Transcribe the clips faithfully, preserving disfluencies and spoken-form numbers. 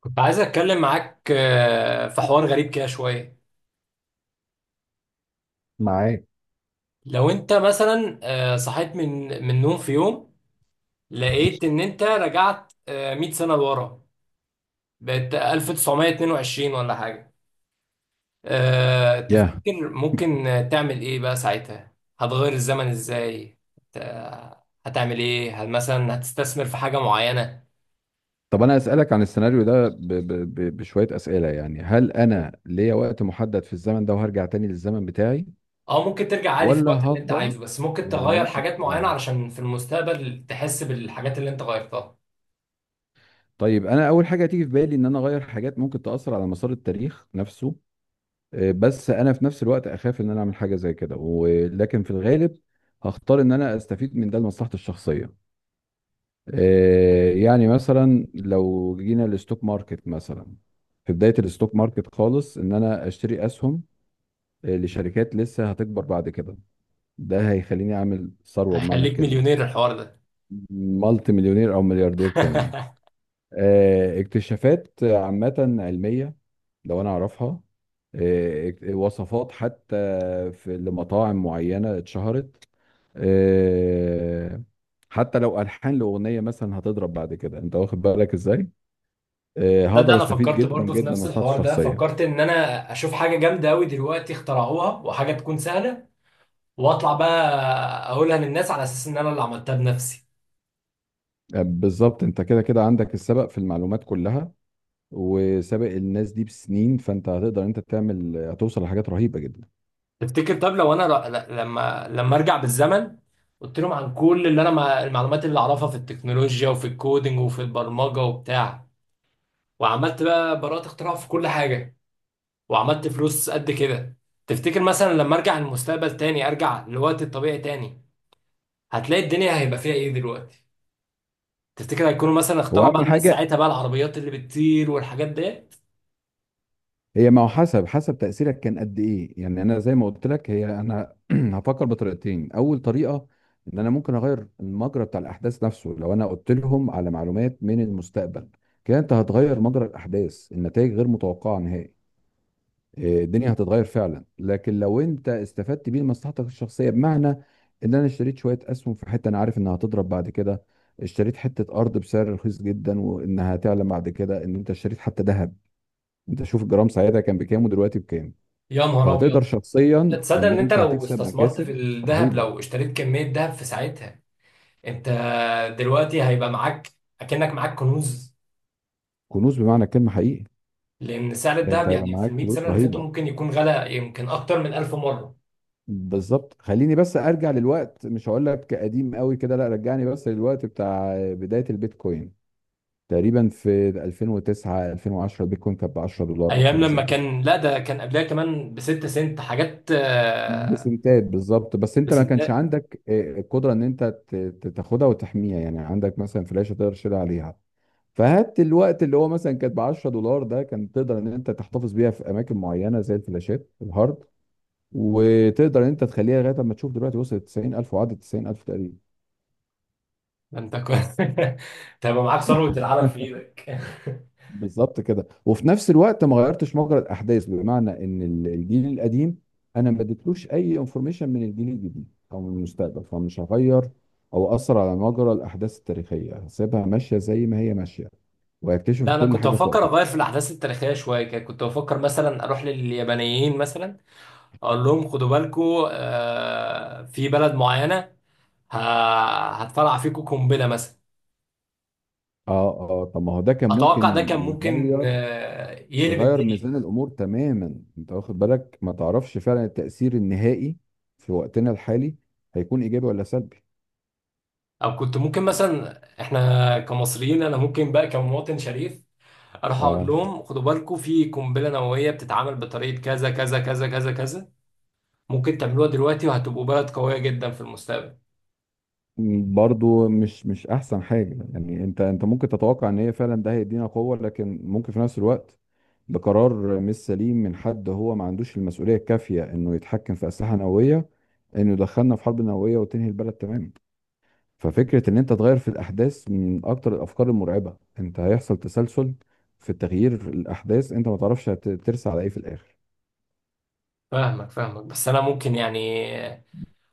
كنت عايز اتكلم معاك آه، في حوار غريب كده شويه. معاك. لو انت مثلا آه، صحيت من من نوم في يوم. لقيت ان انت رجعت آه، مية سنه لورا. بقت ألف وتسعمئة واثنين وعشرين ولا حاجه. آه، يا؟ تفتكر ممكن تعمل ايه بقى ساعتها؟ هتغير الزمن ازاي؟ هت- هتعمل ايه؟ هل مثلا هتستثمر في حاجه معينه؟ طب انا اسالك عن السيناريو ده ب... ب... ب... بشويه اسئله، يعني هل انا ليا وقت محدد في الزمن ده وهرجع تاني للزمن بتاعي اه، ممكن ترجع عادي في ولا الوقت اللي انت هفضل؟ عايزه، بس ممكن يعني تغير ممكن حاجات معينه اه. علشان في المستقبل تحس بالحاجات اللي انت غيرتها. طيب انا اول حاجه تيجي في بالي ان انا اغير حاجات ممكن تاثر على مسار التاريخ نفسه. آه، بس انا في نفس الوقت اخاف ان انا اعمل حاجه زي كده، ولكن في الغالب هختار ان انا استفيد من ده لمصلحتي الشخصيه. آه، يعني مثلا لو جينا للستوك ماركت مثلا، في بداية الستوك ماركت خالص، ان انا اشتري اسهم آه، لشركات لسه هتكبر بعد كده، ده هيخليني اعمل ثروة بمعنى هيخليك الكلمة. مليونير الحوار ده. مالتي مليونير او ملياردير كمان. آه، اكتشافات عامة علمية لو انا اعرفها، آه، اك- وصفات حتى في لمطاعم معينة اتشهرت، آه، حتى لو ألحان لأغنية مثلا هتضرب بعد كده، انت واخد بالك ازاي؟ آه، تصدق؟ هقدر انا استفيد فكرت جدا برضه في جدا من نفس مصلحتي الحوار ده، الشخصيه. فكرت ان انا اشوف حاجه جامده قوي دلوقتي اخترعوها وحاجه تكون سهله، واطلع بقى اقولها للناس على اساس ان انا اللي عملتها بنفسي. آه، بالظبط، انت كده كده عندك السبق في المعلومات كلها، وسابق الناس دي بسنين، فانت هتقدر انت تعمل، هتوصل لحاجات رهيبه جدا. تفتكر؟ طب لو انا ر- ل- لما لما ارجع بالزمن قلت لهم عن كل اللي انا، مع المعلومات اللي اعرفها في التكنولوجيا وفي الكودينج وفي البرمجه وبتاع، وعملت بقى براءة اختراع في كل حاجه، وعملت فلوس قد كده. تفتكر مثلا لما ارجع المستقبل تاني، ارجع لوقت الطبيعي تاني، هتلاقي الدنيا هيبقى فيها ايه دلوقتي؟ تفتكر هيكونوا مثلا هو اخترعوا بقى اهم الناس حاجه ساعتها بقى العربيات اللي بتطير والحاجات ديت؟ هي، ما هو حسب حسب تاثيرك كان قد ايه، يعني انا زي ما قلت لك، هي انا هفكر بطريقتين. اول طريقه ان انا ممكن اغير المجرى بتاع الاحداث نفسه لو انا قلت لهم على معلومات من المستقبل. كده انت هتغير مجرى الاحداث، النتائج غير متوقعه نهائي. إيه، الدنيا هتتغير فعلا. لكن لو انت استفدت بيه لمصلحتك الشخصيه، بمعنى ان انا اشتريت شويه اسهم في حته انا عارف انها هتضرب بعد كده، اشتريت حته ارض بسعر رخيص جدا وانها هتعلى بعد كده، ان انت اشتريت حتى ذهب، انت شوف الجرام ساعتها كان بكام ودلوقتي بكام، يا نهار فهتقدر ابيض! شخصيا تصدق ان ان انت انت لو هتكسب استثمرت في مكاسب الذهب، رهيبه. لو اشتريت كمية ذهب في ساعتها، انت دلوقتي هيبقى معاك، اكنك معاك كنوز. كنوز بمعنى الكلمه حقيقي. لان سعر يعني انت الذهب هيبقى يعني في معاك المئة فلوس سنة اللي فاتوا رهيبه. ممكن يكون غلى، يمكن اكتر من ألف مرة. بالظبط. خليني بس ارجع للوقت، مش هقول لك قديم قوي كده، لا، رجعني بس للوقت بتاع بدايه البيتكوين، تقريبا في ألفين وتسعة ألفين وعشرة، البيتكوين كانت ب عشرة دولار او ايام حاجه زي لما كده. كان، لا ده كان قبلها كمان بستة سنت حاجات آه، بسنتات بالظبط. بس انت ما كانش بسنتات. عندك آه، القدره ان انت ت- ت- تاخدها وتحميها، يعني عندك مثلا فلاشه تقدر تشيلها عليها. فهات الوقت اللي هو مثلا كانت ب عشرة دولار ده، كان تقدر ان انت تحتفظ بيها في اماكن معينه زي الفلاشات الهارد، وتقدر ان انت تخليها لغايه اما تشوف دلوقتي وصلت تسعين ألف وعدت تسعين ألف تقريبا. ده انت كنت تبقى معاك ثروة العالم في ايدك. بالظبط كده. وفي نفس الوقت ما غيرتش مجرى الاحداث، بمعنى ان ال- الجيل القديم، انا ما اديتلوش اي انفورميشن من الجيل الجديد او من المستقبل، فمش هغير او اثر على مجرى الاحداث التاريخيه، هسيبها ماشيه زي ما هي ماشيه، وهيكتشف لا، انا كل كنت حاجه في بفكر اغير وقتها. في الاحداث التاريخيه شويه كده. كنت بفكر مثلا اروح لليابانيين مثلا، اقول لهم خدوا بالكم، آه، في بلد معينه ه- هتفرقع فيكم قنبله مثلا. اه اه. طب ما هو ده كان اتوقع ده ممكن كان ممكن يغير، آه يقلب يغير الدنيا. ميزان الامور تماما. انت واخد بالك، ما تعرفش فعلا التاثير النهائي في وقتنا الحالي هيكون ايجابي ولا سلبي. او كنت ممكن مثلا، احنا كمصريين، انا ممكن بقى كمواطن شريف اروح اقول اه، لهم خدوا بالكم، في قنبله نوويه بتتعمل بطريقه كذا كذا كذا كذا كذا. ممكن تعملوها دلوقتي وهتبقوا بلد قويه جدا في المستقبل. برضو مش مش احسن حاجه، يعني انت انت ممكن تتوقع ان هي فعلا ده هيدينا قوه، لكن ممكن في نفس الوقت ده قرار مش سليم من حد هو ما عندوش المسؤوليه الكافيه انه يتحكم في اسلحه نوويه، انه يدخلنا في حرب نوويه وتنهي البلد تماما. ففكره ان انت تغير في الاحداث من اكتر الافكار المرعبه. انت هيحصل تسلسل في تغيير في الاحداث، انت ما تعرفش هت- ترسى على ايه في الاخر. فاهمك فاهمك، بس انا ممكن يعني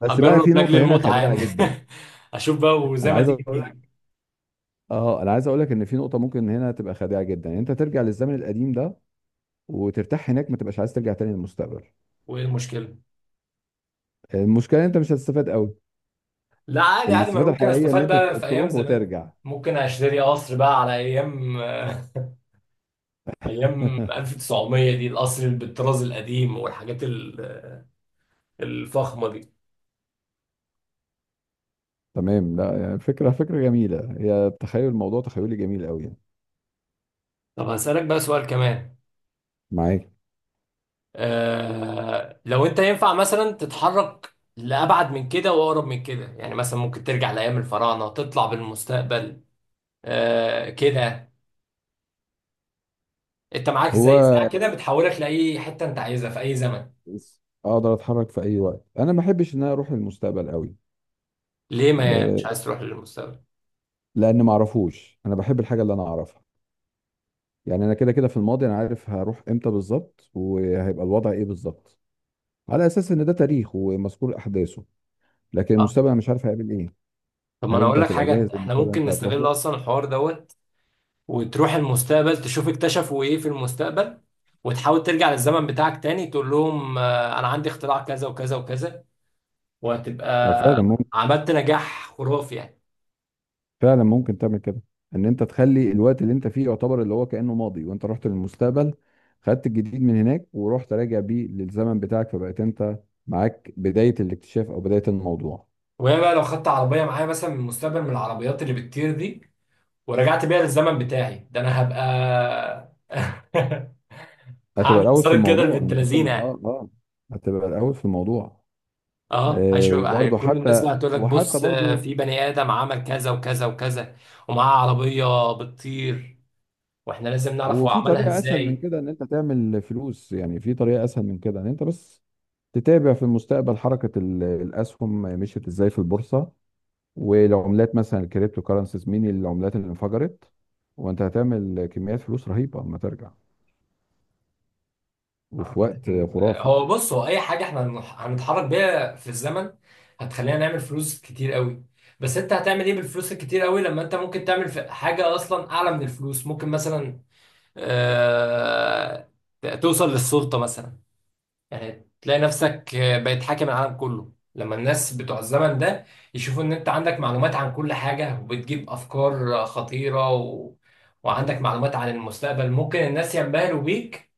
بس بقى في اجرب لاجل نقطه هنا المتعه خادعه يعني. جدا. اشوف بقى وزي انا ما عايز تيجي اقول، تيجي. اه انا عايز اقول لك ان في نقطه ممكن هنا تبقى خادعه جدا، يعني انت ترجع للزمن القديم ده وترتاح هناك، ما تبقاش عايز ترجع تاني للمستقبل. وايه المشكله؟ المشكله إن انت مش هتستفاد قوي. لا، عادي عادي، ما انا الاستفاده ممكن الحقيقيه ان استفاد انت بقى في ت- ايام تروح زمان. وترجع. ممكن اشتري قصر بقى على ايام، ايام ألف وتسعمية دي، القصر اللي بالطراز القديم والحاجات ال- الفخمه دي. تمام. لا يعني فكره، فكره جميله هي، تخيل الموضوع تخيلي جميل قوي يعني. طب هسألك بقى سؤال كمان. معاك. آه لو انت ينفع مثلا تتحرك لأبعد من كده وأقرب من كده، يعني مثلا ممكن ترجع لأيام الفراعنة، تطلع بالمستقبل، آه، كده. انت معاك زي ساعه هو كده بتحولك لاي حته انت عايزها في اي زمن. بس اقدر اتحرك في اي وقت؟ انا ما بحبش ان انا اروح للمستقبل قوي. ليه؟ ما آه، مش عايز تروح للمستقبل؟ لان ما اعرفوش، انا بحب الحاجه اللي انا اعرفها، يعني انا كده كده في الماضي انا عارف هروح امتى بالظبط وهيبقى الوضع ايه بالظبط، على اساس ان ده تاريخ ومذكور احداثه. لكن اه، المستقبل أنا مش عارف هيعمل ايه. طب ما هل انا انت اقول لك هتبقى جاهز حاجه، احنا للمستقبل اللي ممكن انت هتروح نستغل له؟ اصلا الحوار دوت، وتروح المستقبل تشوف اكتشفوا ايه في المستقبل، وتحاول ترجع للزمن بتاعك تاني، تقول لهم آه، انا عندي اختراع كذا وكذا وكذا، وهتبقى آه، فعلا ممكن. عملت نجاح خرافي يعني. فعلا ممكن تعمل كده، ان انت تخلي الوقت اللي انت فيه يعتبر اللي هو كانه ماضي، وانت رحت للمستقبل، خدت الجديد من هناك ورحت راجع بيه للزمن بتاعك، فبقيت انت معاك بدايه الاكتشاف او بدايه الموضوع. وهي بقى لو خدت عربيه معايا مثلا من المستقبل، من العربيات اللي بتطير دي، ورجعت بيها للزمن بتاعي ده، انا هبقى هتبقى هعمل الاول في صارت كده الموضوع البنت انت كده، لذينه يعني. اه اه هتبقى الاول في الموضوع. اه، آه هيشوف هي- وبرضه كل الناس حتى، بقى هتقول لك وحتى بص، آه، برضه. في بني ادم عمل كذا وكذا وكذا، ومعاه عربيه بتطير، واحنا لازم نعرف هو وفي عملها طريقة أسهل من ازاي. كده إن أنت تعمل فلوس، يعني في طريقة أسهل من كده إن أنت بس تتابع في المستقبل حركة ال- الأسهم مشيت إزاي في البورصة، والعملات مثلا الكريبتو كارنسيز مين العملات اللي انفجرت، وأنت هتعمل كميات فلوس رهيبة أما ترجع، وفي عامة، وقت آه، خرافي. هو بص، هو اي حاجه احنا هنح- هنتحرك بيها في الزمن هتخلينا نعمل فلوس كتير قوي. بس انت هتعمل ايه بالفلوس الكتير قوي لما انت ممكن تعمل في- حاجه اصلا اعلى من الفلوس؟ ممكن مثلا، آه توصل للسلطه مثلا، يعني تلاقي نفسك بقيت حاكم العالم كله لما الناس بتوع الزمن ده يشوفوا ان انت عندك معلومات عن كل حاجة وبتجيب افكار خطيرة و... وعندك معلومات عن المستقبل، ممكن الناس ينبهروا بيك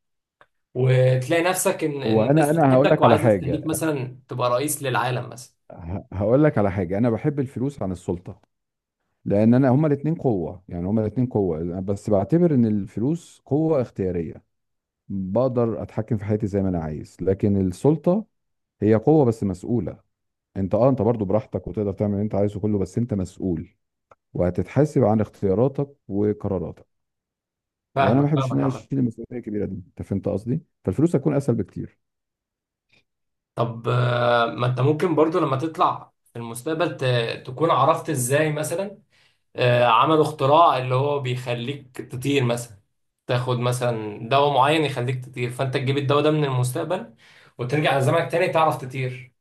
وتلاقي نفسك ان إن وأنا الناس أنا هقول بتحبك لك على وعايزة تخليك حاجة، مثلا تبقى رئيس للعالم مثلا. ه- هقول لك على حاجة. أنا بحب الفلوس عن السلطة، لأن أنا هما الاتنين قوة، يعني هما الاتنين قوة، بس بعتبر إن الفلوس قوة اختيارية، بقدر اتحكم في حياتي زي ما انا عايز. لكن السلطة هي قوة بس مسؤولة. انت اه انت برضو براحتك وتقدر تعمل اللي انت عايزه كله، بس انت مسؤول وهتتحاسب عن اختياراتك وقراراتك. وانا فاهمك ما بحبش ان فاهمك، انا عامة. اشيل المسؤوليه الكبيره دي، انت فهمت قصدي. فالفلوس هتكون اسهل بكتير. طب، آه، ما انت ممكن برضو لما تطلع في المستقبل ت... تكون عرفت ازاي مثلا، آه، عملوا اختراع اللي هو بيخليك تطير مثلا. تاخد مثلا دواء معين يخليك تطير، فانت تجيب الدواء ده من المستقبل وترجع لزمنك تاني تعرف تطير.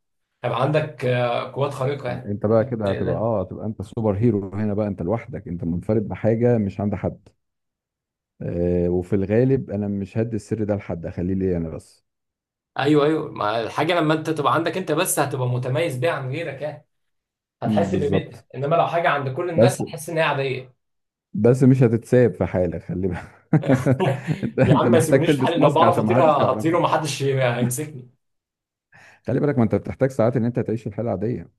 هيبقى عندك، آه، قوات خارقة، يعني انت بقى ممكن كده تتخيل هتبقى ده. اه، هتبقى انت سوبر هيرو هنا بقى، انت لوحدك، انت منفرد بحاجه مش عند حد. آه وفي الغالب انا مش هدي السر ده لحد، اخليه ليا انا بس. ايوه ايوه، ما الحاجة لما انت تبقى عندك انت بس هتبقى متميز بيها عن غيرك يعني. م، هتحس بالظبط. بقيمتها، انما لو حاجة عند كل الناس بس هتحس ان هي عادية. بس مش هتتساب في حالة، خلي بالك. انت يا انت عم، ما محتاج يسيبونيش في حالي، تلبس لو ماسك بعرف عشان ما اطير حدش هطير يعرفك. ومحدش هيمسكني. خلي بالك، ما انت بتحتاج ساعات ان انت تعيش الحالة عادية.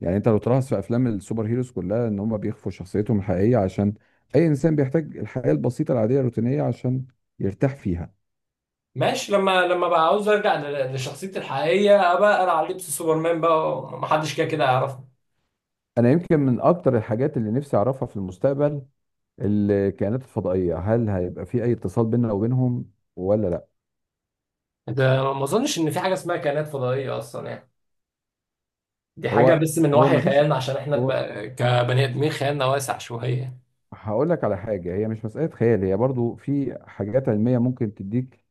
يعني انت لو تلاحظ في افلام السوبر هيروز كلها ان هم بيخفوا شخصيتهم الحقيقية، عشان اي انسان بيحتاج الحياة البسيطة العادية الروتينية عشان يرتاح فيها. ماشي، لما لما بقى عاوز ارجع ل- لشخصيتي الحقيقيه، ابقى انا على لبس سوبرمان بقى ومحدش كده كده يعرفني. انا يمكن من اكتر الحاجات اللي نفسي اعرفها في المستقبل الكائنات الفضائية، هل هيبقى في اي اتصال بيننا وبينهم ولا لا. ده ما اظنش ان في حاجه اسمها كائنات فضائيه اصلا، يعني دي حاجه هو بس من هو وحي ما فيش؟ خيالنا عشان احنا بقى كبني ادمين خيالنا واسع شويه. هقول لك على حاجة، هي مش مسألة خيال، هي برضو في حاجات علمية ممكن تديك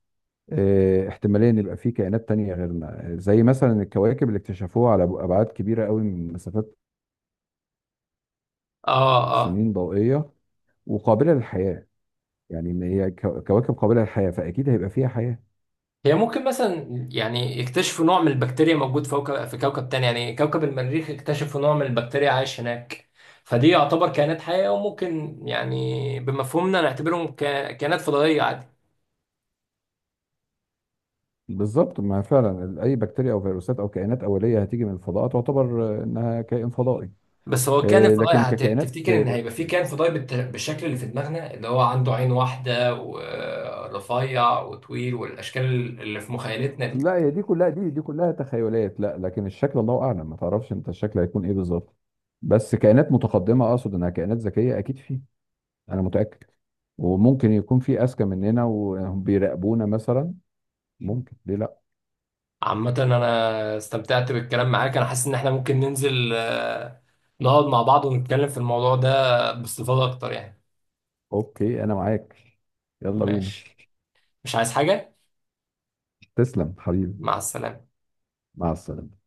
آه، احتمالية ان يبقى في كائنات تانية غيرنا، زي مثلا الكواكب اللي اكتشفوها على أبعاد كبيرة قوي، من مسافات اه اه. سنين ضوئية، وقابلة للحياة. يعني ان هي كو- كواكب قابلة للحياة، فأكيد هيبقى فيها حياة. هي ممكن مثلا يعني يكتشفوا نوع من البكتيريا موجود فوق في كوكب تاني، يعني كوكب المريخ اكتشفوا نوع من البكتيريا عايش هناك. فدي يعتبر كائنات حيه، وممكن يعني بمفهومنا نعتبرهم ك- كائنات فضائيه عادي. بالظبط، ما فعلا ال- أي بكتيريا أو فيروسات أو كائنات أولية هتيجي من الفضاء تعتبر آه، إنها كائن فضائي. بس هو كان آه، فضاي، لكن هت- ككائنات، تفتكر ان هيبقى في كان فضاي بالت- بالشكل اللي في دماغنا، اللي هو عنده عين واحده ورفيع وطويل والاشكال اللي في مخيلتنا دي؟ لا، هي دي كلها، دي دي كلها تخيلات. لا لكن الشكل الله اعلم، ما تعرفش انت الشكل هيكون ايه بالظبط. بس كائنات متقدمه اقصد، انها كائنات ذكيه اكيد في، انا متاكد. وممكن يكون في اذكى مننا وهم بيراقبونا مثلا، ممكن، ليه لا؟ عامه انا استمتعت بالكلام معاك، انا حاسس ان احنا ممكن ننزل، آه، نقعد مع بعض ونتكلم في الموضوع ده باستفاضه اكتر يعني. اوكي انا معاك. يلا بينا. ماشي، مش عايز حاجه. تسلم حبيبي. مع السلامه. مع السلامه.